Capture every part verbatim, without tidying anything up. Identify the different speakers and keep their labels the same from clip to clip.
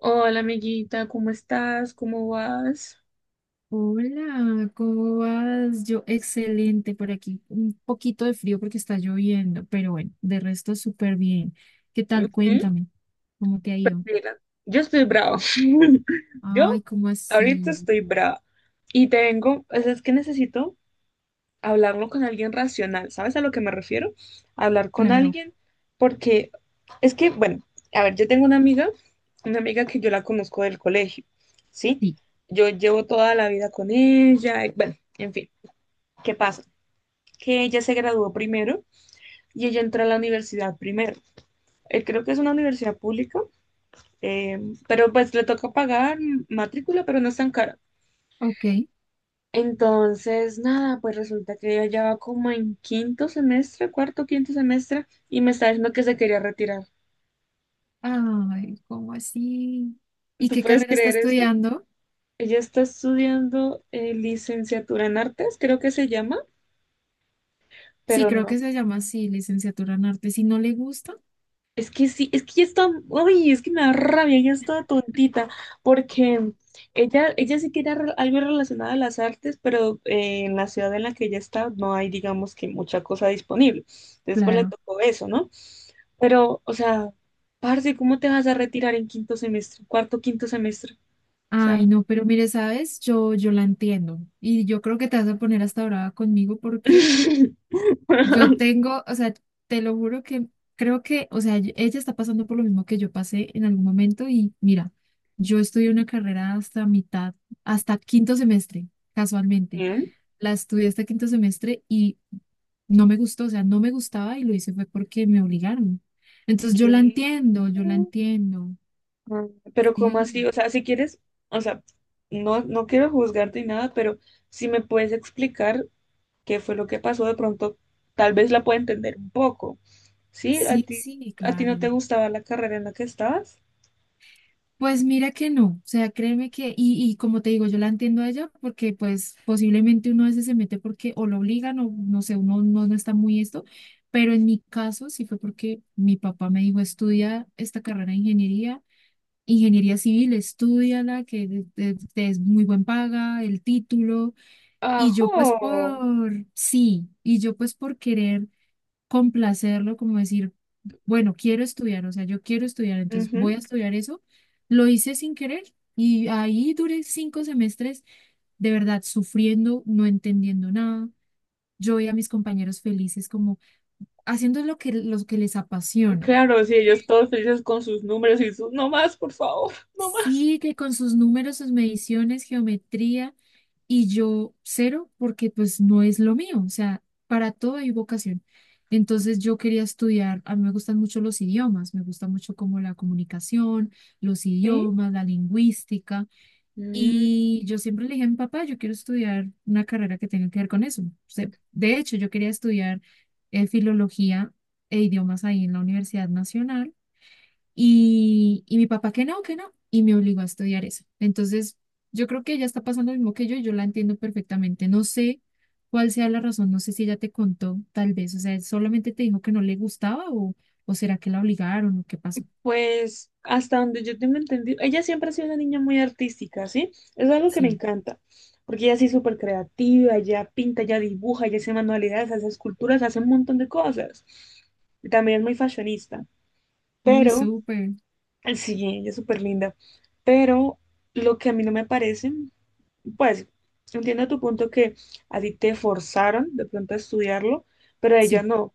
Speaker 1: Hola, amiguita, ¿cómo estás? ¿Cómo vas?
Speaker 2: Hola, ¿cómo vas? Yo, excelente por aquí. Un poquito de frío porque está lloviendo, pero bueno, de resto súper bien. ¿Qué tal?
Speaker 1: Ujú.
Speaker 2: Cuéntame, ¿cómo te ha
Speaker 1: Pues
Speaker 2: ido?
Speaker 1: mira, yo estoy brava. Yo
Speaker 2: Ay, ¿cómo
Speaker 1: ahorita
Speaker 2: así?
Speaker 1: estoy brava. Y te vengo, o sea, es que necesito hablarlo con alguien racional. ¿Sabes a lo que me refiero? Hablar con
Speaker 2: Claro,
Speaker 1: alguien, porque es que, bueno, a ver, yo tengo una amiga, una amiga que yo la conozco del colegio, ¿sí?
Speaker 2: sí.
Speaker 1: Yo llevo toda la vida con ella. y Bueno, en fin, ¿qué pasa? Que ella se graduó primero y ella entró a la universidad primero. Eh, creo que es una universidad pública, eh, pero pues le toca pagar matrícula, pero no es tan cara.
Speaker 2: Ok.
Speaker 1: Entonces, nada, pues resulta que ella ya va como en quinto semestre, cuarto, quinto semestre, y me está diciendo que se quería retirar.
Speaker 2: Ay, ¿cómo así? ¿Y
Speaker 1: ¿Tú
Speaker 2: qué
Speaker 1: puedes
Speaker 2: carrera está
Speaker 1: creer eso?
Speaker 2: estudiando?
Speaker 1: Ella está estudiando eh, licenciatura en artes, creo que se llama,
Speaker 2: Sí,
Speaker 1: pero
Speaker 2: creo
Speaker 1: no.
Speaker 2: que se llama así, licenciatura en arte. Si no le gusta,
Speaker 1: Es que sí, es que ya está, ay, es que me da rabia, ya está tontita, porque ella, ella sí quería re- algo relacionado a las artes, pero eh, en la ciudad en la que ella está no hay, digamos, que mucha cosa disponible. Después le
Speaker 2: claro.
Speaker 1: tocó eso, ¿no? Pero, o sea, parce, ¿cómo te vas a retirar en quinto semestre, cuarto, quinto semestre? O sea,
Speaker 2: Ay, no, pero mire, ¿sabes? Yo, yo la entiendo. Y yo creo que te vas a poner hasta brava conmigo porque yo tengo, o sea, te lo juro que creo que, o sea, yo- ella está pasando por lo mismo que yo pasé en algún momento y mira, yo estudié una carrera hasta mitad, hasta quinto semestre, casualmente.
Speaker 1: ¿eh?
Speaker 2: La estudié hasta quinto semestre y no me gustó, o sea, no me gustaba y lo hice fue porque me obligaron. Entonces yo la
Speaker 1: ¿Qué?
Speaker 2: entiendo, yo la entiendo.
Speaker 1: Mm. Pero ¿cómo así?
Speaker 2: Sí,
Speaker 1: O sea, si quieres, o sea, no, no quiero juzgarte ni nada, pero si me puedes explicar qué fue lo que pasó, de pronto tal vez la pueda entender un poco. ¿Sí? ¿A
Speaker 2: sí,
Speaker 1: ti,
Speaker 2: sí,
Speaker 1: a ti
Speaker 2: claro.
Speaker 1: no te gustaba la carrera en la que estabas?
Speaker 2: Pues mira que no, o sea, créeme que, y, y como te digo, yo la entiendo a ella porque pues posiblemente uno a veces se mete porque o lo obligan o no sé, uno no, no está muy esto, pero en mi caso sí fue porque mi papá me dijo, estudia esta carrera de ingeniería, ingeniería civil, estúdiala, que de- de- te es muy buen paga, el título, y yo
Speaker 1: Ajo.
Speaker 2: pues por, sí, y yo pues por querer complacerlo, como decir, bueno, quiero estudiar, o sea, yo quiero estudiar, entonces voy
Speaker 1: Ujú.
Speaker 2: a estudiar eso. Lo hice sin querer y ahí duré cinco semestres de verdad sufriendo, no entendiendo nada. Yo veía a mis compañeros felices como haciendo lo que, lo que les apasiona.
Speaker 1: Claro, sí, ellos todos felices con sus números y sus, no más, por favor, no más.
Speaker 2: Sí, que con sus números, sus mediciones, geometría, y yo cero, porque pues no es lo mío, o sea, para todo hay vocación. Entonces yo quería estudiar, a mí me gustan mucho los idiomas, me gusta mucho como la comunicación, los
Speaker 1: ¿Sí?
Speaker 2: idiomas, la lingüística, y yo siempre le dije a mi papá, yo quiero estudiar una carrera que tenga que ver con eso. O sea, de hecho, yo quería estudiar eh, filología e idiomas ahí en la Universidad Nacional y, y mi papá que no, que no, y me obligó a estudiar eso. Entonces, yo creo que ella está pasando lo mismo que yo y yo la entiendo perfectamente. No sé cuál sea la razón, no sé si ella te contó, tal vez, o sea, solamente te dijo que no le gustaba o, o será que la obligaron o qué pasó.
Speaker 1: Pues hasta donde yo tengo entendido, ella siempre ha sido una niña muy artística, ¿sí? Es algo que me
Speaker 2: Sí,
Speaker 1: encanta, porque ella sí es súper creativa, ella pinta, ella dibuja, ella hace manualidades, hace esculturas, hace un montón de cosas. Y también es muy fashionista,
Speaker 2: muy
Speaker 1: pero,
Speaker 2: súper.
Speaker 1: sí, ella es súper linda, pero lo que a mí no me parece, pues, entiendo tu punto que a ti te forzaron de pronto a estudiarlo, pero a ella
Speaker 2: Sí,
Speaker 1: no.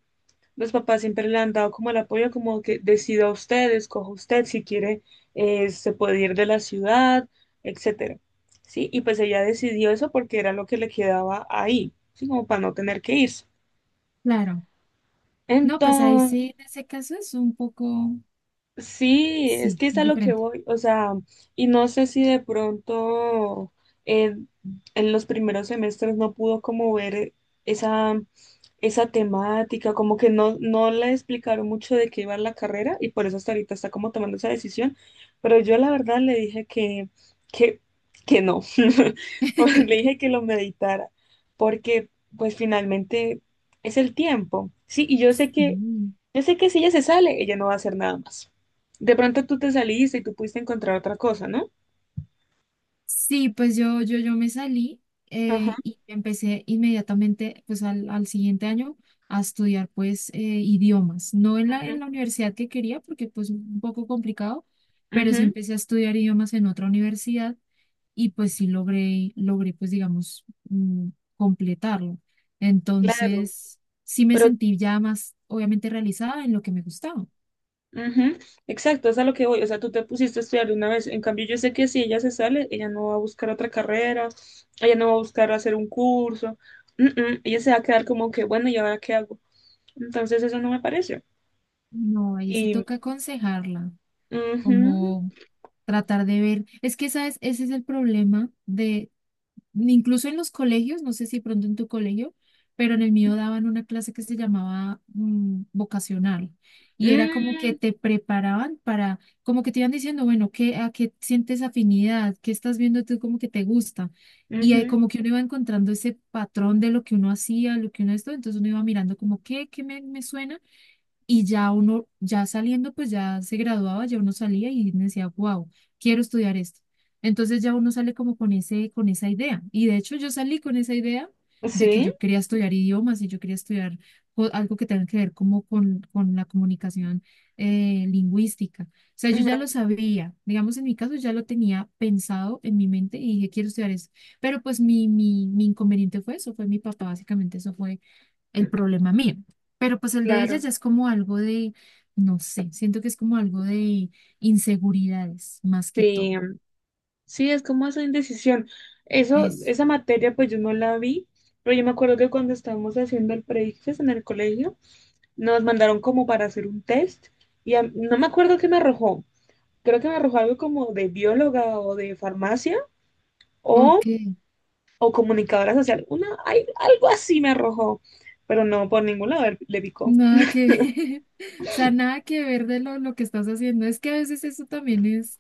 Speaker 1: Los papás siempre le han dado como el apoyo, como que decida usted, escoja usted si quiere, eh, se puede ir de la ciudad, etcétera. Sí, y pues ella decidió eso porque era lo que le quedaba ahí, ¿sí? Como para no tener que irse.
Speaker 2: claro. No, pues ahí sí, en ese caso es un poco,
Speaker 1: Sí, es
Speaker 2: sí,
Speaker 1: que es
Speaker 2: es
Speaker 1: a lo que
Speaker 2: diferente.
Speaker 1: voy, o sea, y no sé si de pronto eh, en los primeros semestres no pudo como ver esa, esa temática, como que no, no le explicaron mucho de qué iba la carrera y por eso hasta ahorita está como tomando esa decisión, pero yo la verdad le dije que, que, que no, o le dije que lo meditara, porque pues finalmente es el tiempo, sí, y yo sé que,
Speaker 2: Sí.
Speaker 1: yo sé que si ella se sale, ella no va a hacer nada más. De pronto tú te saliste y tú pudiste encontrar otra cosa, ¿no?
Speaker 2: Sí, pues yo, yo, yo me salí
Speaker 1: Ajá,
Speaker 2: eh, y empecé inmediatamente, pues al, al siguiente año, a estudiar pues eh, idiomas. No en la,
Speaker 1: ujú,
Speaker 2: en la universidad que quería, porque pues un poco complicado, pero sí
Speaker 1: ujú,
Speaker 2: empecé a estudiar idiomas en otra universidad y pues sí logré, logré pues digamos mm, completarlo.
Speaker 1: claro,
Speaker 2: Entonces sí me
Speaker 1: pero,
Speaker 2: sentí ya más obviamente realizada en lo que me gustaba.
Speaker 1: ujú, exacto, es a lo que voy, o sea, tú te pusiste a estudiar de una vez, en cambio yo sé que si ella se sale, ella no va a buscar otra carrera, ella no va a buscar hacer un curso, mm, ella se va a quedar como que, bueno, ¿y ahora qué hago? Entonces eso no me parece.
Speaker 2: No, ahí sí
Speaker 1: Y,
Speaker 2: toca aconsejarla.
Speaker 1: ujú,
Speaker 2: Como tratar de ver. Es que, ¿sabes? Ese es el problema de, incluso en los colegios, no sé si pronto en tu colegio, pero en el mío daban una clase que se llamaba mm, vocacional. Y era como que
Speaker 1: mm,
Speaker 2: te preparaban para, como que te iban diciendo, bueno, ¿qué, a qué sientes afinidad? ¿Qué estás viendo tú como que te gusta? Y eh,
Speaker 1: ujú,
Speaker 2: como que uno iba encontrando ese patrón de lo que uno hacía, lo que uno esto, entonces uno iba mirando como, ¿qué, qué me, me suena? Y ya uno, ya saliendo, pues ya se graduaba, ya uno salía y decía, wow, quiero estudiar esto. Entonces ya uno sale como con ese, con esa idea. Y de hecho yo salí con esa idea de que
Speaker 1: sí,
Speaker 2: yo quería estudiar idiomas y yo quería estudiar co- algo que tenga que ver como con, con la comunicación eh, lingüística. O sea, yo ya lo
Speaker 1: ujú,
Speaker 2: sabía, digamos en mi caso ya lo tenía pensado en mi mente y dije, quiero estudiar esto. Pero pues mi, mi, mi inconveniente fue eso, fue mi papá, básicamente eso el problema mío. Pero pues el de ella
Speaker 1: claro,
Speaker 2: ya es como algo de, no sé, siento que es como algo de inseguridades más que todo.
Speaker 1: sí, sí, es como esa indecisión. Eso,
Speaker 2: Eso.
Speaker 1: esa materia, pues yo no la vi, pero yo me acuerdo que cuando estábamos haciendo el pre en el colegio, nos mandaron como para hacer un test y a- no me acuerdo qué me arrojó. Creo que me arrojó algo como de bióloga o de farmacia o,
Speaker 2: Ok,
Speaker 1: o comunicadora social. Una, ay, algo así me arrojó, pero no, por ningún lado le le picó.
Speaker 2: nada que, o sea, nada que ver de lo, lo que estás haciendo. Es que a veces eso también es,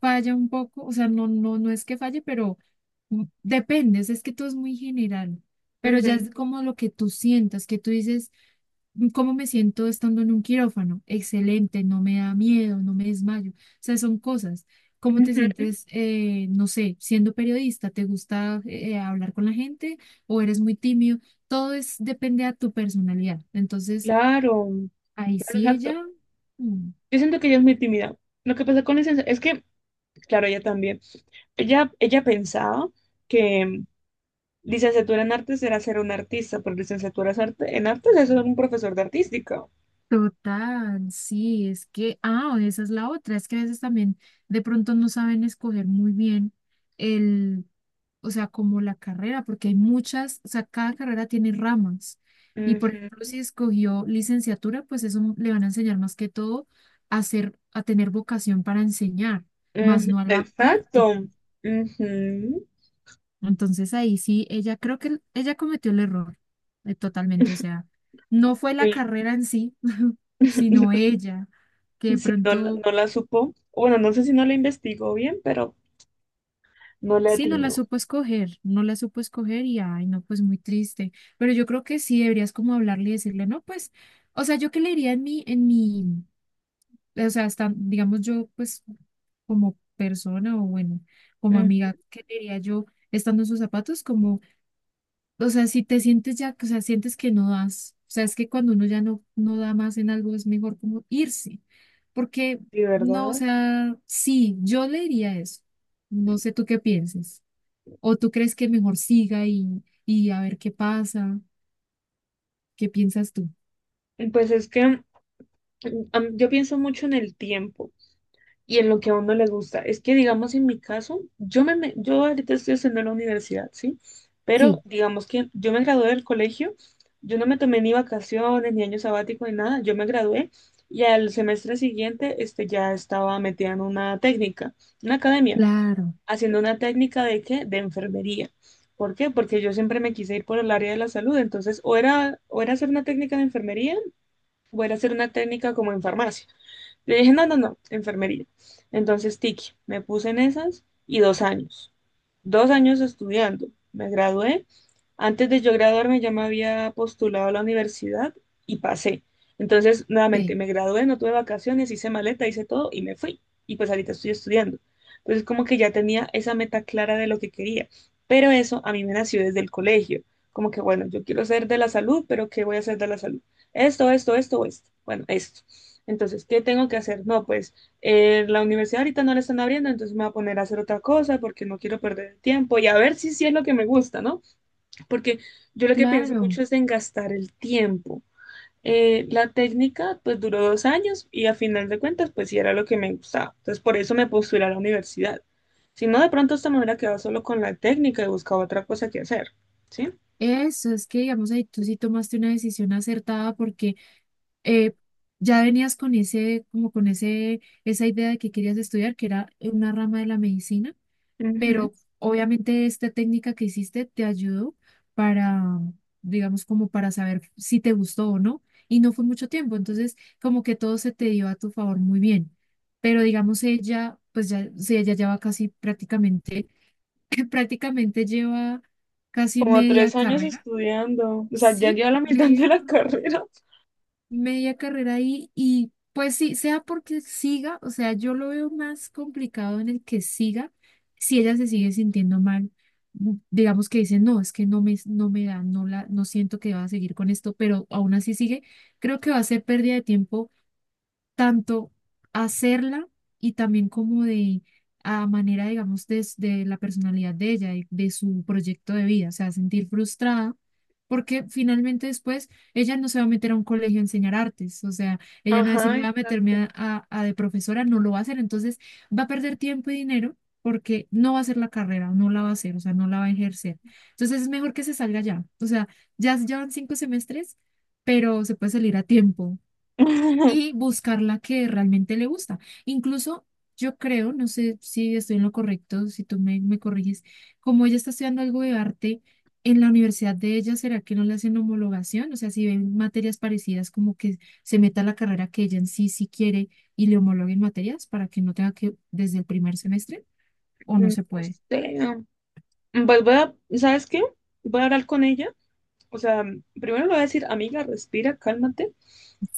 Speaker 2: falla un poco, o sea, no, no, no es que falle, pero mm, depende, o sea, es que todo es muy general, pero ya
Speaker 1: Mm,
Speaker 2: es como lo que tú sientas, que tú dices, ¿cómo me siento estando en un quirófano? Excelente, no me da miedo, no me desmayo. O sea, son cosas. ¿Cómo te
Speaker 1: ujú.
Speaker 2: sientes, eh, no sé, siendo periodista? ¿Te gusta eh, hablar con la gente o eres muy tímido? Todo es, depende a tu personalidad. Entonces,
Speaker 1: Claro,
Speaker 2: ahí
Speaker 1: claro,
Speaker 2: sí ella,
Speaker 1: exacto.
Speaker 2: mm,
Speaker 1: Yo siento que ella es muy tímida. Lo que pasa con licencia es que, claro, ella también. Ella, ella pensaba que mm, licenciatura en artes era ser un artista, pero licenciatura es arte- en artes es ser un profesor de artística.
Speaker 2: total, sí, es que, ah, esa es la otra, es que a veces también de pronto no saben escoger muy bien el, o sea, como la carrera, porque hay muchas, o sea, cada carrera tiene ramas. Y por
Speaker 1: Ujú,
Speaker 2: ejemplo, si escogió licenciatura, pues eso le van a enseñar más que todo a ser, a tener vocación para enseñar, más
Speaker 1: ujú,
Speaker 2: no a la práctica.
Speaker 1: exacto. Ujú,
Speaker 2: Entonces ahí sí, ella creo que ella cometió el error eh, totalmente, o sea, no fue la
Speaker 1: sí.
Speaker 2: carrera en sí, sino ella, que de
Speaker 1: Sí, no, la-
Speaker 2: pronto
Speaker 1: no la supo. Bueno, no sé si no la investigó bien, pero no le
Speaker 2: sí no la
Speaker 1: atinó.
Speaker 2: supo escoger, no la supo escoger y ay, no, pues muy triste, pero yo creo que sí deberías como hablarle y decirle, no, pues, o sea, yo qué le diría en mi, en mi, o sea, hasta, digamos yo, pues, como persona o bueno, como
Speaker 1: Ujú.
Speaker 2: amiga, ¿qué le diría yo estando en sus zapatos? Como, o sea, si te sientes ya, o sea, sientes que no das, o sea, es que cuando uno ya no, no da más en algo es mejor como irse, porque
Speaker 1: Sí,
Speaker 2: no, o
Speaker 1: ¿verdad?
Speaker 2: sea, sí, yo le diría eso, no sé tú qué pienses, o tú crees que mejor siga y, y a ver qué pasa, qué piensas tú.
Speaker 1: Pues es que mm, am- yo pienso mucho en el tiempo. Y en lo que a uno le gusta. Es que, digamos, en mi caso, yo, me, me- yo ahorita estoy haciendo la universidad, ¿sí? Pero
Speaker 2: Sí,
Speaker 1: digamos que yo me gradué del colegio, yo no me tomé ni vacaciones, ni año sabático, ni nada, yo me gradué y al semestre siguiente este, ya estaba metida en una técnica, una academia,
Speaker 2: claro.
Speaker 1: haciendo una técnica de qué. De enfermería. ¿Por qué? Porque yo siempre me quise ir por el área de la salud, entonces o era, o era hacer una técnica de enfermería o era hacer una técnica como en farmacia. Le dije, no, no, no, enfermería. Entonces, Tiki, me puse en esas y dos años dos años estudiando. Me gradué. Antes de yo graduarme ya me había postulado a la universidad y pasé. Entonces, nuevamente,
Speaker 2: Sí,
Speaker 1: me gradué, no tuve vacaciones, hice maleta, hice todo y me fui. Y pues ahorita estoy estudiando. Entonces, como que ya tenía esa meta clara de lo que quería. Pero eso a mí me nació desde el colegio. Como que, bueno, yo quiero ser de la salud, pero ¿qué voy a hacer de la salud? Esto, esto, esto, esto. Bueno, esto. Entonces, ¿qué tengo que hacer? No, pues eh, la universidad ahorita no la están abriendo, entonces me voy a poner a hacer otra cosa porque no quiero perder el tiempo y a ver si sí es lo que me gusta, ¿no? Porque yo lo que pienso
Speaker 2: claro,
Speaker 1: mucho es en gastar el tiempo. Eh, la técnica pues duró dos años y a final de cuentas pues sí era lo que me gustaba. Entonces por eso me postulé a la universidad. Si no, de pronto esta me hubiera quedado solo con la técnica y buscaba otra cosa que hacer, ¿sí?
Speaker 2: eso es que digamos ahí tú sí tomaste una decisión acertada porque eh, ya venías con ese, como con ese, esa idea de que querías estudiar, que era una rama de la medicina,
Speaker 1: Ujú.
Speaker 2: pero obviamente esta técnica que hiciste te ayudó para, digamos, como para saber si te gustó o no, y no fue mucho tiempo, entonces como que todo se te dio a tu favor muy bien, pero digamos ella, pues ya, sí, ella lleva casi prácticamente, prácticamente lleva casi
Speaker 1: Como
Speaker 2: media
Speaker 1: tres años
Speaker 2: carrera,
Speaker 1: estudiando, o sea, ya
Speaker 2: sí,
Speaker 1: lleva la mitad de
Speaker 2: media
Speaker 1: la
Speaker 2: carrera
Speaker 1: carrera.
Speaker 2: media carrera ahí y pues sí, sea porque siga, o sea, yo lo veo más complicado en el que siga, si ella se sigue sintiendo mal, mm, digamos que dice, no, es que no me, no me da, no la, no siento que va a seguir con esto, pero aún así sigue, creo que va a ser pérdida de tiempo tanto hacerla y también como de a manera, digamos, des- de, la personalidad de ella, de, de su proyecto de vida, o sea, sentir frustrada, porque finalmente después ella no se va a meter a un colegio a enseñar artes, o sea, ella no va a decir,
Speaker 1: Ajá,
Speaker 2: voy a meterme
Speaker 1: exacto.
Speaker 2: a, a- a de profesora, no lo va a hacer, entonces va a perder tiempo y dinero porque no va a hacer la carrera, no la va a hacer, o sea, no la va a ejercer. Entonces es mejor que se salga ya, o sea, ya llevan cinco semestres, pero se puede salir a tiempo y
Speaker 1: No
Speaker 2: buscar la que realmente le gusta. Incluso yo creo, no sé si estoy en lo correcto, si tú me, me corriges, como ella está estudiando algo de arte en la universidad de ella, ¿será que no le hacen homologación? O sea, si ven materias parecidas, como que se meta a la carrera que ella en sí sí quiere y le homologuen materias para que no tenga que desde el primer semestre o no se puede.
Speaker 1: sé. Pues voy a, ¿sabes qué? Voy a hablar con ella. O sea, mm, primero le voy a decir, amiga, respira, cálmate.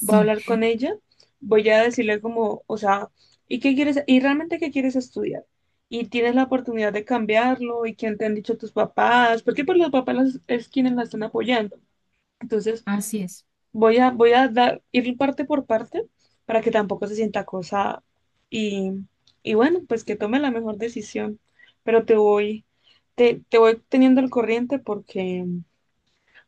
Speaker 1: Voy a hablar con ella. Voy a decirle como, o sea, ¿y qué quieres? ¿Y realmente qué quieres estudiar? Y tienes la oportunidad de cambiarlo. ¿Y quién te han dicho tus papás? Porque pues los papás las- es quienes la están apoyando. Entonces,
Speaker 2: así es.
Speaker 1: Voy a, voy a dar, ir parte por parte para que tampoco se sienta acosada. Y, y bueno, pues que tome la mejor decisión. Pero te voy, te, te voy teniendo al corriente porque,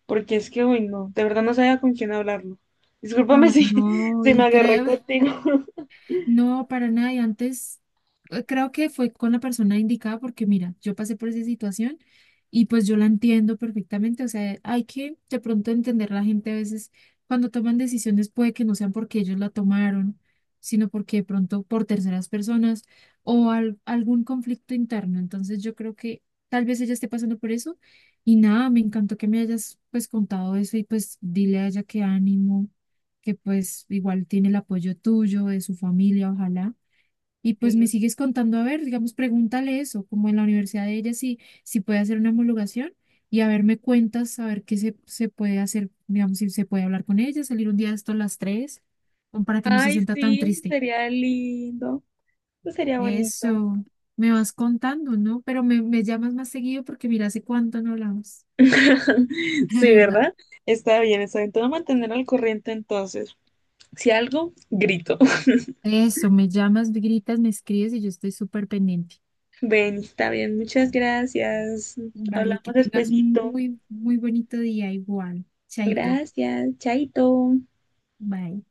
Speaker 1: porque es que hoy no, de verdad no sabía con quién hablarlo. Discúlpame
Speaker 2: Ay,
Speaker 1: si,
Speaker 2: no,
Speaker 1: si me
Speaker 2: y
Speaker 1: agarré
Speaker 2: creo,
Speaker 1: contigo.
Speaker 2: no, para nada. Y antes eh, creo que fue con la persona indicada porque mira, yo pasé por esa situación y pues yo la entiendo perfectamente. O sea, hay que de pronto entender la gente a veces cuando toman decisiones puede que no sean porque ellos la tomaron, sino porque de pronto por terceras personas o al- algún conflicto interno. Entonces yo creo que tal vez ella esté pasando por eso. Y nada, me encantó que me hayas pues contado eso y pues dile a ella que ánimo que pues igual tiene el apoyo tuyo, de su familia, ojalá. Y pues me
Speaker 1: Sí.
Speaker 2: sigues contando, a ver, digamos, pregúntale eso, como en la universidad de ella, si, si puede hacer una homologación y a ver, me cuentas, a ver qué se, se puede hacer, digamos, si se puede hablar con ella, salir un día de esto a las tres, como para que no se
Speaker 1: Ay,
Speaker 2: sienta tan
Speaker 1: sí,
Speaker 2: triste.
Speaker 1: sería lindo. Pues sería bonito.
Speaker 2: Eso, me vas contando, ¿no? Pero me, me llamas más seguido porque mira, hace cuánto no hablamos, de
Speaker 1: Sí,
Speaker 2: verdad.
Speaker 1: ¿verdad? Está bien, está bien. Te voy a mantener al corriente entonces. Si algo, grito.
Speaker 2: Eso, me llamas, me gritas, me escribes y yo estoy súper pendiente.
Speaker 1: Ven, está bien, muchas gracias.
Speaker 2: Vale,
Speaker 1: Hablamos
Speaker 2: que tengas un
Speaker 1: despuesito.
Speaker 2: muy, muy bonito día igual. Chaito.
Speaker 1: Gracias, chaito.
Speaker 2: Bye.